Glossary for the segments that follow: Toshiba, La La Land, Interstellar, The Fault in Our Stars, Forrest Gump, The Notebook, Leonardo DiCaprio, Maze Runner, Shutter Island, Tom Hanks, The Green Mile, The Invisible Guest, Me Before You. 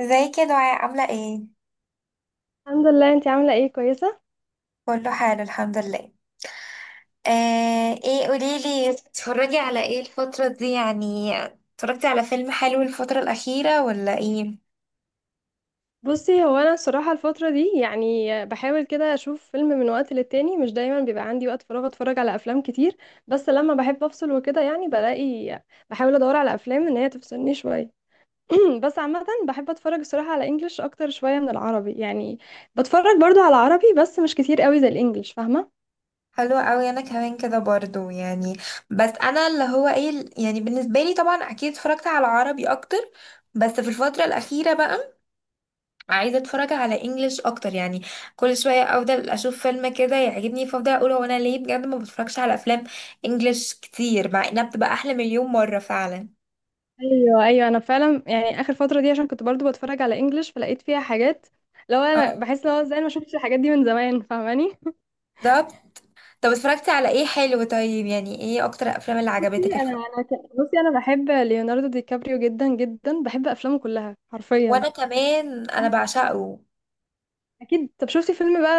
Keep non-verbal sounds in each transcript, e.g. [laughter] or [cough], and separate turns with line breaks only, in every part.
زي كده دعاء عاملة ايه؟
الحمد لله، انتي عاملة ايه؟ كويسة.
كله حال الحمد لله. آه، ايه قوليلي اتفرجي على ايه الفترة دي يعني، اتفرجتي على فيلم حلو الفترة الأخيرة ولا ايه؟
بصي هو انا الصراحة الفترة دي يعني بحاول كده اشوف فيلم من وقت للتاني، مش دايما بيبقى عندي وقت فراغ اتفرج على افلام كتير. بس لما بحب افصل وكده يعني بلاقي، بحاول ادور على افلام ان هي تفصلني شوية. [clears throat] بس عامة بحب اتفرج الصراحة على انجلش اكتر شوية من العربي يعني. بتفرج برضو على عربي بس مش كتير قوي زي الانجليش، فاهمة؟
حلو قوي، انا كمان كده برضو يعني. بس انا اللي هو ايه يعني، بالنسبة لي طبعا اكيد اتفرجت على عربي اكتر، بس في الفترة الأخيرة بقى عايزه اتفرج على انجليش اكتر يعني. كل شويه افضل اشوف فيلم كده يعجبني، فافضل اقول هو انا ليه بجد ما بتفرجش على افلام انجليش كتير، مع انها بتبقى احلى مليون مره فعلا.
ايوه، ايوه، انا فعلا يعني اخر فترة دي عشان كنت برضو بتفرج على انجلش فلقيت فيها حاجات. لو انا
اه،
بحس لو ازاي انا ما شفتش الحاجات دي من زمان، فاهماني؟
بالظبط. طب اتفرجتي على ايه حلو طيب، يعني ايه اكتر افلام اللي
بصي
عجبتك
انا
الفتره؟
انا ك- بصي انا بحب ليوناردو دي كابريو جدا جدا، بحب افلامه كلها حرفيا.
وانا كمان انا بعشقه.
اكيد. طب شفتي فيلم بقى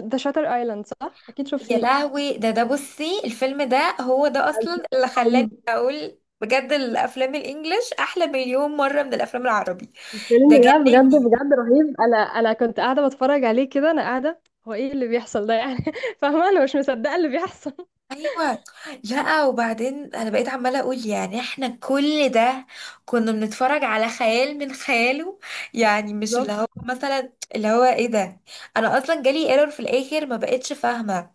ذا شاتر ايلاند؟ صح، اكيد
يا
شفتيه.
لهوي، ده بصي الفيلم ده هو ده اصلا اللي خلاني
رهيب.
اقول بجد الافلام الانجليش احلى مليون مره من الافلام العربي.
الفيلم
ده
ده بجد
جنني.
بجد رهيب. انا كنت قاعده بتفرج عليه كده، انا قاعده. هو ايه اللي بيحصل ده يعني؟ [laughs] فاهمه؟ انا مش مصدقه اللي بيحصل.
ايوه، لا وبعدين انا بقيت عماله اقول يعني احنا كل ده كنا بنتفرج على خيال من خياله. يعني مش اللي
بالظبط.
هو مثلا اللي هو ايه ده. انا اصلا جالي ايرور في الاخر ما بقتش فاهمه.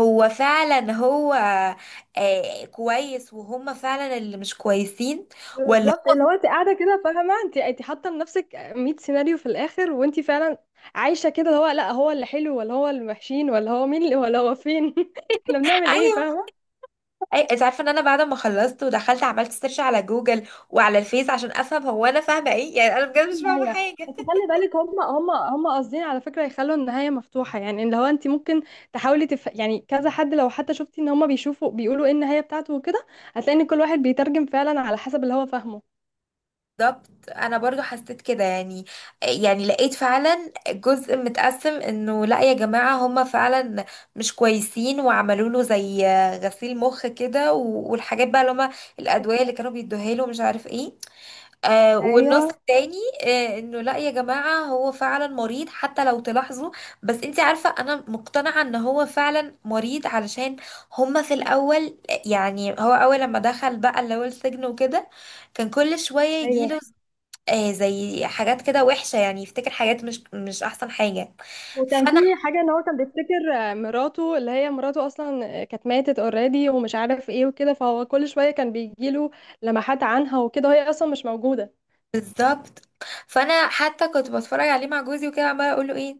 هو فعلا. آه، كويس، وهم فعلا اللي مش كويسين ولا.
بالظبط، اللي هو انت قاعده كده، فاهمه؟ انت حاطه لنفسك 100 سيناريو في الاخر، وانت فعلا عايشه كده، اللي هو لا هو اللي حلو، ولا هو اللي وحشين، ولا هو مين اللي، ولا هو فين، [laughs] احنا
[laughs]
بنعمل ايه،
ايوه.
فاهمه؟
انت عارفه ان انا بعد ما خلصت ودخلت عملت سيرش على جوجل وعلى الفيس عشان افهم هو انا فاهمه ايه، يعني انا
دي
بجد مش فاهمه
النهايه،
حاجه.
بس خلي بالك هم قاصدين على فكره يخلوا النهايه مفتوحه، يعني اللي هو انت ممكن تحاولي يعني كذا حد، لو حتى شفتي ان هم بيشوفوا بيقولوا ايه النهايه بتاعته وكده، هتلاقي ان كل واحد بيترجم فعلا على حسب اللي هو فاهمه.
بالظبط، انا برضو حسيت كده يعني. يعني لقيت فعلا جزء متقسم انه لا يا جماعة هما فعلا مش كويسين، وعملوا له زي غسيل مخ كده، والحاجات بقى اللي هما الادوية اللي كانوا بيدوها له مش عارف ايه. آه، والنص
ايوه،
التاني آه، انه لا يا جماعة هو فعلا مريض حتى لو تلاحظوا. بس انت عارفة انا مقتنعة ان هو فعلا مريض، علشان هما في الاول، يعني هو اول لما دخل بقى اللي هو السجن وكده كان كل شوية
ايوه،
يجيله آه زي حاجات كده وحشة، يعني يفتكر حاجات مش أحسن حاجة.
وكان في
فأنا
حاجة ان هو كان بيفتكر، مراته اللي هي مراته اصلا، كانت ماتت اوريدي ومش عارف ايه وكده، فهو كل شوية كان بيجيله لمحات عنها وكده، وهي اصلا مش موجودة.
بالظبط. فأنا حتى كنت بتفرج عليه مع جوزي وكده عمالة أقول له إيه،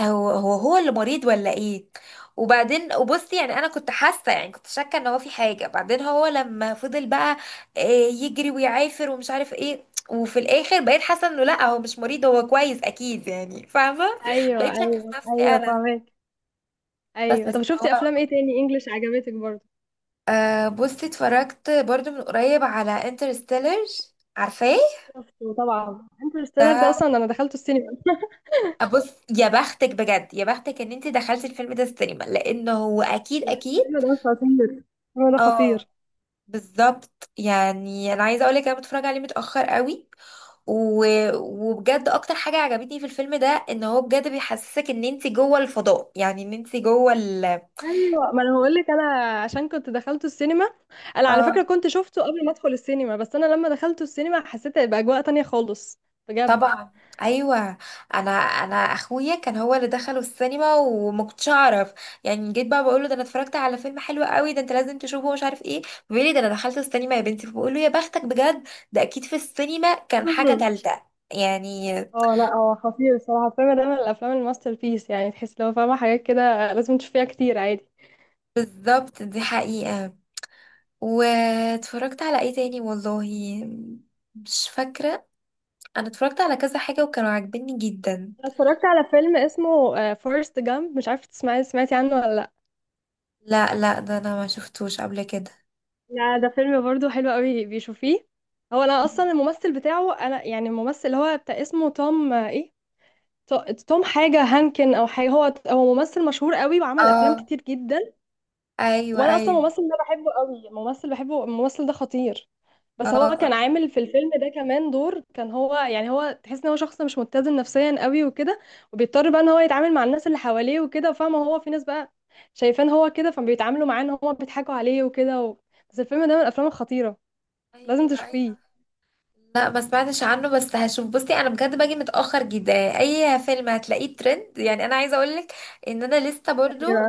هو اللي مريض ولا إيه. وبصي يعني أنا كنت حاسة، يعني كنت شاكة إن هو في حاجة. بعدين هو لما فضل بقى آه، يجري ويعافر ومش عارف إيه، وفي الآخر بقيت حاسة إنه لأ هو مش مريض، هو كويس أكيد يعني، فاهمة. [laughs]
ايوه،
بقيت شاكة في
ايوه،
نفسي
ايوه،
أنا.
فاهمك.
بس
ايوه،
بس
طب شفتي
هو
افلام ايه تاني انجلش عجبتك برضه؟
أه، بصي اتفرجت برضو من قريب على انترستيلر، عارفاه؟
شفته طبعا انترستيلر، ده
ده
اصلا انا دخلته السينما.
بص، يا بختك بجد، يا بختك ان انت دخلتي الفيلم ده السينما، لانه هو اكيد
الفيلم ده خطير. الفيلم ده
اه،
خطير.
بالظبط. يعني انا عايزه اقولك انا بتفرج عليه متاخر قوي، و... وبجد اكتر حاجه عجبتني في الفيلم ده ان هو بجد بيحسسك ان انت جوه الفضاء، يعني ان انت جوه ال...
ايوه، ما انا بقول لك انا عشان كنت دخلته السينما. انا على فكره
اه،
كنت شفته قبل ما ادخل السينما، بس انا لما دخلته السينما حسيت بأجواء تانية خالص. بجد.
طبعا، ايوه. انا اخويا كان هو اللي دخله السينما وما كنتش اعرف يعني، جيت بقى بقول له ده انا اتفرجت على فيلم حلو قوي، ده انت لازم تشوفه ومش عارف ايه. بيقول لي ده انا دخلت السينما يا بنتي، فبقول له يا بختك بجد، ده اكيد في السينما كان حاجه
مم.
تالته يعني.
اه، لا هو خطير الصراحه، الفيلم ده من الافلام الماستر بيس، يعني تحس لو فاهمه حاجات كده لازم تشوفيها كتير عادي.
بالظبط، دي حقيقه. واتفرجت على ايه تاني، والله مش فاكره. انا اتفرجت على كذا حاجه وكانوا عاجبني جدا.
أنا اتفرجت على فيلم اسمه فورست جامب، مش عارفه تسمعي، سمعتي عنه ولا لا؟
لا ده انا ما شفتوش قبل كده.
لا، ده فيلم برضو حلو قوي، بيشوفيه. هو انا اصلا
[laughs]
الممثل بتاعه، انا يعني الممثل اللي هو بتاع اسمه توم، ايه، تو- توم حاجه، هانكن او حاجه، هو ممثل مشهور قوي وعمل افلام
اه.
كتير جدا.
ايوه
وانا اصلا
ايوه.
الممثل ده بحبه قوي، الممثل بحبه، الممثل ده خطير. بس هو كان
اه.
عامل في الفيلم ده كمان دور، كان هو يعني، هو تحس ان هو شخص مش متزن نفسيا قوي وكده، وبيضطر بقى ان هو يتعامل مع الناس اللي حواليه وكده، فاهمه؟ هو في ناس بقى شايفان هو كده، فبيتعاملوا معاه ان هو بيضحكوا عليه وكده و... بس الفيلم ده من الافلام الخطيره، لازم
ايوه
تشوفيه.
ايوه. لا ما سمعتش عنه بس هشوف. بصي انا بجد باجي متاخر جدا، اي فيلم هتلاقيه ترند. يعني انا عايزه اقولك ان انا لسه برضو
ايوه،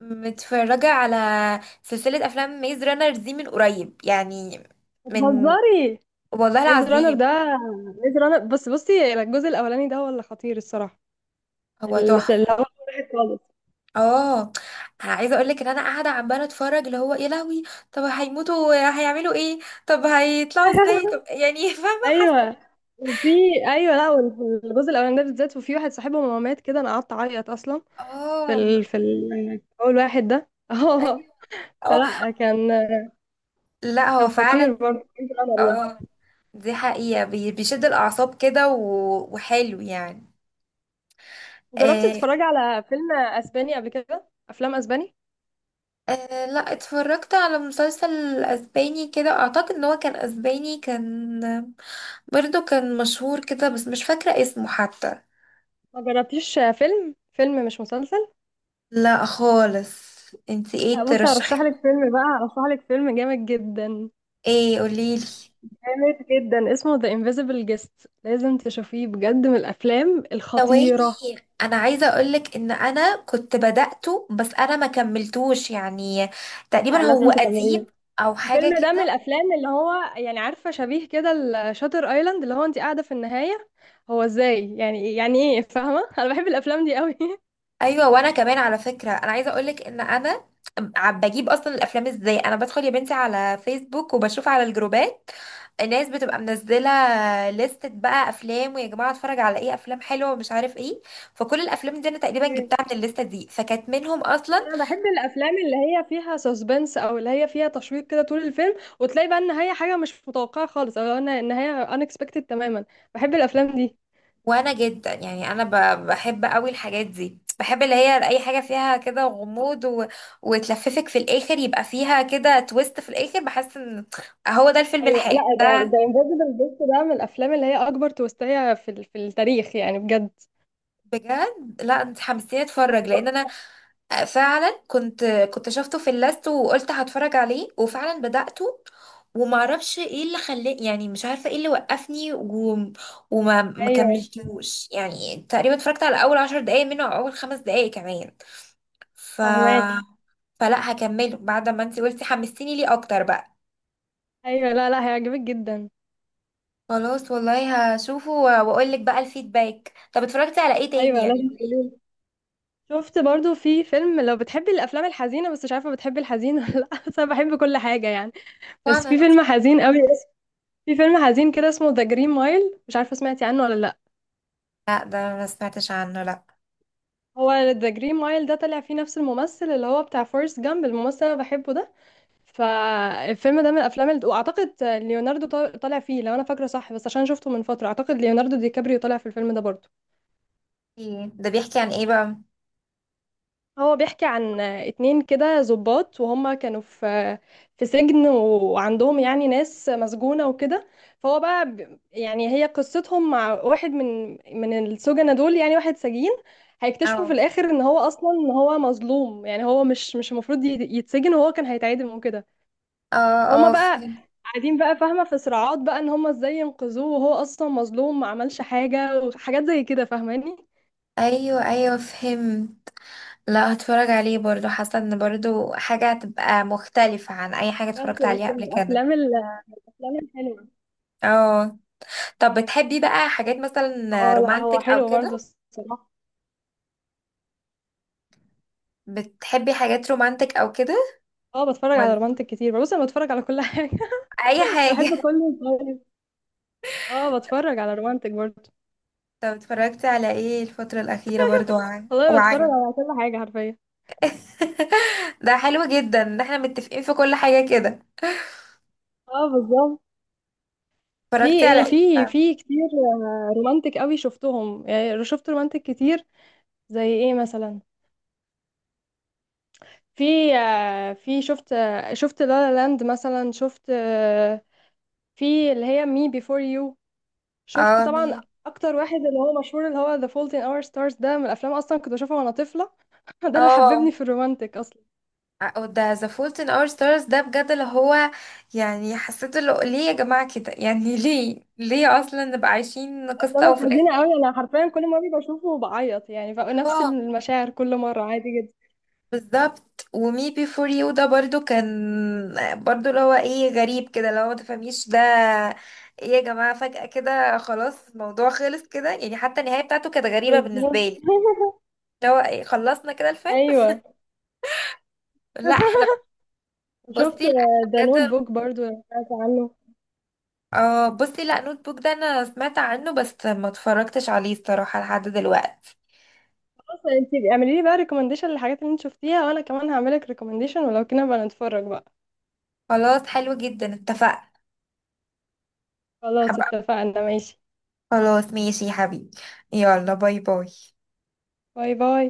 متفرجه على سلسله افلام ميز رانر دي من قريب يعني، من،
بتهزري؟
والله
ميز رانر
العظيم.
ده، ميز رانر بس بصي الجزء الاولاني ده هو اللي خطير الصراحه،
هو
اللي هو
تحفه.
واحد خالص.
اه، عايزه اقولك ان انا قاعده عماله اتفرج اللي هو يا لهوي، طب هيموتوا، هيعملوا ايه، طب هيطلعوا ازاي،
[laughs]
طب يعني [laughs] فاهمه، حاسه.
ايوه، وفي، ايوه، لا وال- الجزء الاولاني ده بالذات، وفي واحد صاحبهم هو مات كده، انا قعدت اعيط اصلا،
اه،
اول واحد ده، [laughs]
أيوة.
اه.
اه،
فلا كان
لا
كان
هو
خطير
فعلا.
برضه، كان في القمر
اه،
ده.
دي حقيقة، بيشد الأعصاب كده وحلو يعني.
جربتي
آه.
تتفرجي على فيلم اسباني قبل كده؟ افلام اسباني؟
آه، لا اتفرجت على مسلسل أسباني كده، أعتقد إن هو كان أسباني. كان برضو كان مشهور كده بس مش فاكرة اسمه حتى.
ما جربتيش؟ فيلم مش مسلسل.
لا خالص. انت ايه
لا بصي، هرشح
ترشحي؟
لك فيلم بقى، هرشح لك فيلم جامد جدا،
ايه قوليلي.
جامد جدا، اسمه The Invisible Guest، لازم تشوفيه بجد، من الافلام
ثواني،
الخطيرة.
انا عايزه اقولك ان انا كنت بدأته بس انا ما كملتوش يعني، تقريبا
لا، لازم
هو
تتابعيه.
قديم او حاجه
الفيلم ده من
كده.
الافلام اللي هو يعني، عارفه، شبيه كده الشاتر ايلاند، اللي هو انت قاعده في النهايه، هو ازاي يعني، يعني ايه، فاهمه؟ [laughs] انا بحب الافلام دي قوي.
ايوه، وانا كمان على فكره، انا عايزه اقولك ان انا عم بجيب اصلا الافلام ازاي، انا بدخل يا بنتي على فيسبوك وبشوف على الجروبات الناس بتبقى منزله لستة بقى افلام، ويا جماعه اتفرج على ايه افلام حلوه ومش عارف ايه، فكل الافلام دي انا تقريبا
إيه.
جبتها من الليسته دي، فكانت منهم اصلا.
انا بحب الافلام اللي هي فيها سسبنس، او اللي هي فيها تشويق كده طول الفيلم، وتلاقي بقى النهايه حاجه مش متوقعه خالص، او ان النهايه unexpected تماما. بحب الافلام دي.
وانا جدا يعني انا، بحب قوي الحاجات دي، بحب اللي هي اي حاجه فيها كده غموض و... وتلففك في الاخر، يبقى فيها كده تويست في الاخر، بحس ان هو ده الفيلم
ايوه،
الحلو
لا ده
ده.
ده انفيزبل جيست ده من الافلام اللي هي اكبر توستايه في التاريخ يعني، بجد.
بجد، لا انت حمستيني اتفرج، لان انا فعلا كنت شفته في اللاست وقلت هتفرج عليه، وفعلا بدأته ومعرفش ايه اللي خلاني، يعني مش عارفه ايه اللي وقفني و... وما ما
ايوه،
كملتوش يعني، تقريبا اتفرجت على اول عشر دقايق منه، او اول خمس دقايق كمان. ف،
فهماكي؟
فلا هكمله بعد ما انت قلتي حمستيني ليه اكتر بقى.
ايوه، لا لا، هيعجبك جدا.
خلاص والله هشوفه واقول لك بقى الفيدباك. طب اتفرجتي على ايه تاني
ايوه،
يعني؟
لازم تقولي. شفت برضو في فيلم، لو بتحبي الافلام الحزينه، بس مش عارفه بتحبي الحزين ولا لا، بس انا بحب كل حاجه يعني، بس في
وانا،
فيلم حزين قوي، في فيلم حزين كده اسمه ذا جرين مايل، مش عارفه سمعتي عنه ولا لا؟
لا ده أنا ما سمعتش عنه لا.
هو ذا جرين مايل ده طلع فيه نفس الممثل اللي هو بتاع فورست جامب، الممثل اللي انا بحبه ده. فالفيلم ده من الافلام اللي... واعتقد ليوناردو طالع فيه لو انا فاكره صح، بس عشان شفته من فتره، اعتقد ليوناردو دي كابريو طالع في الفيلم ده برضو.
إيه، ده بيحكي عن ايه بقى؟
هو بيحكي عن اتنين كده ضباط، وهم كانوا في سجن وعندهم يعني ناس مسجونة وكده. فهو بقى يعني هي قصتهم مع واحد من من السجنة دول، يعني واحد سجين. هيكتشفوا في
اه.
الآخر ان هو اصلا، ان هو مظلوم، يعني هو مش المفروض يتسجن، وهو كان هيتعدم وكده.
اه.
فهم
اه،
بقى
فهم.
قاعدين بقى، فاهمة؟ في صراعات بقى ان هم ازاي ينقذوه، وهو اصلا مظلوم ما عملش حاجة وحاجات زي كده، فاهماني؟
ايوه ايوه، فهم. لا هتفرج عليه برضو، حاسه ان برضو حاجه هتبقى مختلفه عن اي حاجه
بس
اتفرجت
بس
عليها قبل
من
كده.
الافلام الحلوة.
اه، طب بتحبي بقى حاجات مثلا
اه، لا هو
رومانتك او
حلو برضه
كده؟
الصراحة.
بتحبي حاجات رومانتك او كده؟
اه، بتفرج على
ولا
رومانتك كتير، بص انا بتفرج على كل حاجة.
اي
[laughs] بحب
حاجه [laughs]
كل، طيب. اه، بتفرج على رومانتك برضه.
طب اتفرجتي على ايه الفتره الاخيره برضو،
والله بتفرج
وعجب.
على كل حاجة حرفيا.
[laughs] ده حلو جدا ان احنا متفقين في كل حاجه كده.
اه، بالظبط. في
اتفرجتي
ايه،
على ايه
في
بقى؟
في كتير، رومانتك قوي شفتهم، يعني شفت رومانتك كتير. زي ايه مثلا؟ في شفت لا لا لاند مثلا، شفت، في اللي هي مي بيفور يو. شفت
اه،
طبعا
مين؟
اكتر واحد اللي هو مشهور اللي هو The Fault in Our Stars، ده من الافلام اصلا كنت بشوفها وانا طفلة. [laughs] ده اللي حببني
اه،
في الرومانتك اصلا.
أو ده The Fault in Our Stars ده بجد اللي هو، يعني حسيت اللي هو ليه يا جماعة كده يعني [laughs] ليه، ليه أصلا نبقى عايشين
اصل انا
قصة وفي الآخر.
الحزينه قوي، انا حرفيا كل مره بشوفه بعيط يعني، بقى نفس
اه،
المشاعر كل مره عادي جدا.
بالظبط. ومي بي فور يو ده برضو كان، برضو اللي هو ايه غريب كده، اللي هو ما تفهميش ده ايه يا جماعة، فجأة كده خلاص الموضوع خلص كده يعني، حتى النهاية بتاعته كانت غريبة بالنسبة
بالظبط.
لي،
[laughs]
اللي هو ايه خلصنا كده الفيلم.
ايوه،
لا احنا،
شفت
بصي لا احنا
ده نوت
بجد.
بوك برضو، لو سمعت عنه.
اه، بصي لا نوت بوك ده انا سمعت عنه، بس ما اتفرجتش عليه الصراحة لحد دلوقتي.
خلاص، انت اعملي لي بقى ريكومنديشن للحاجات اللي انت شفتيها، وانا كمان هعملك ريكومنديشن، ولو كنا بقى نتفرج بقى.
خلاص حلو جدا اتفقنا.
خلاص،
حب...
اتفقنا، ماشي،
خلاص ماشي يا حبيبي. يلا باي باي.
باي باي.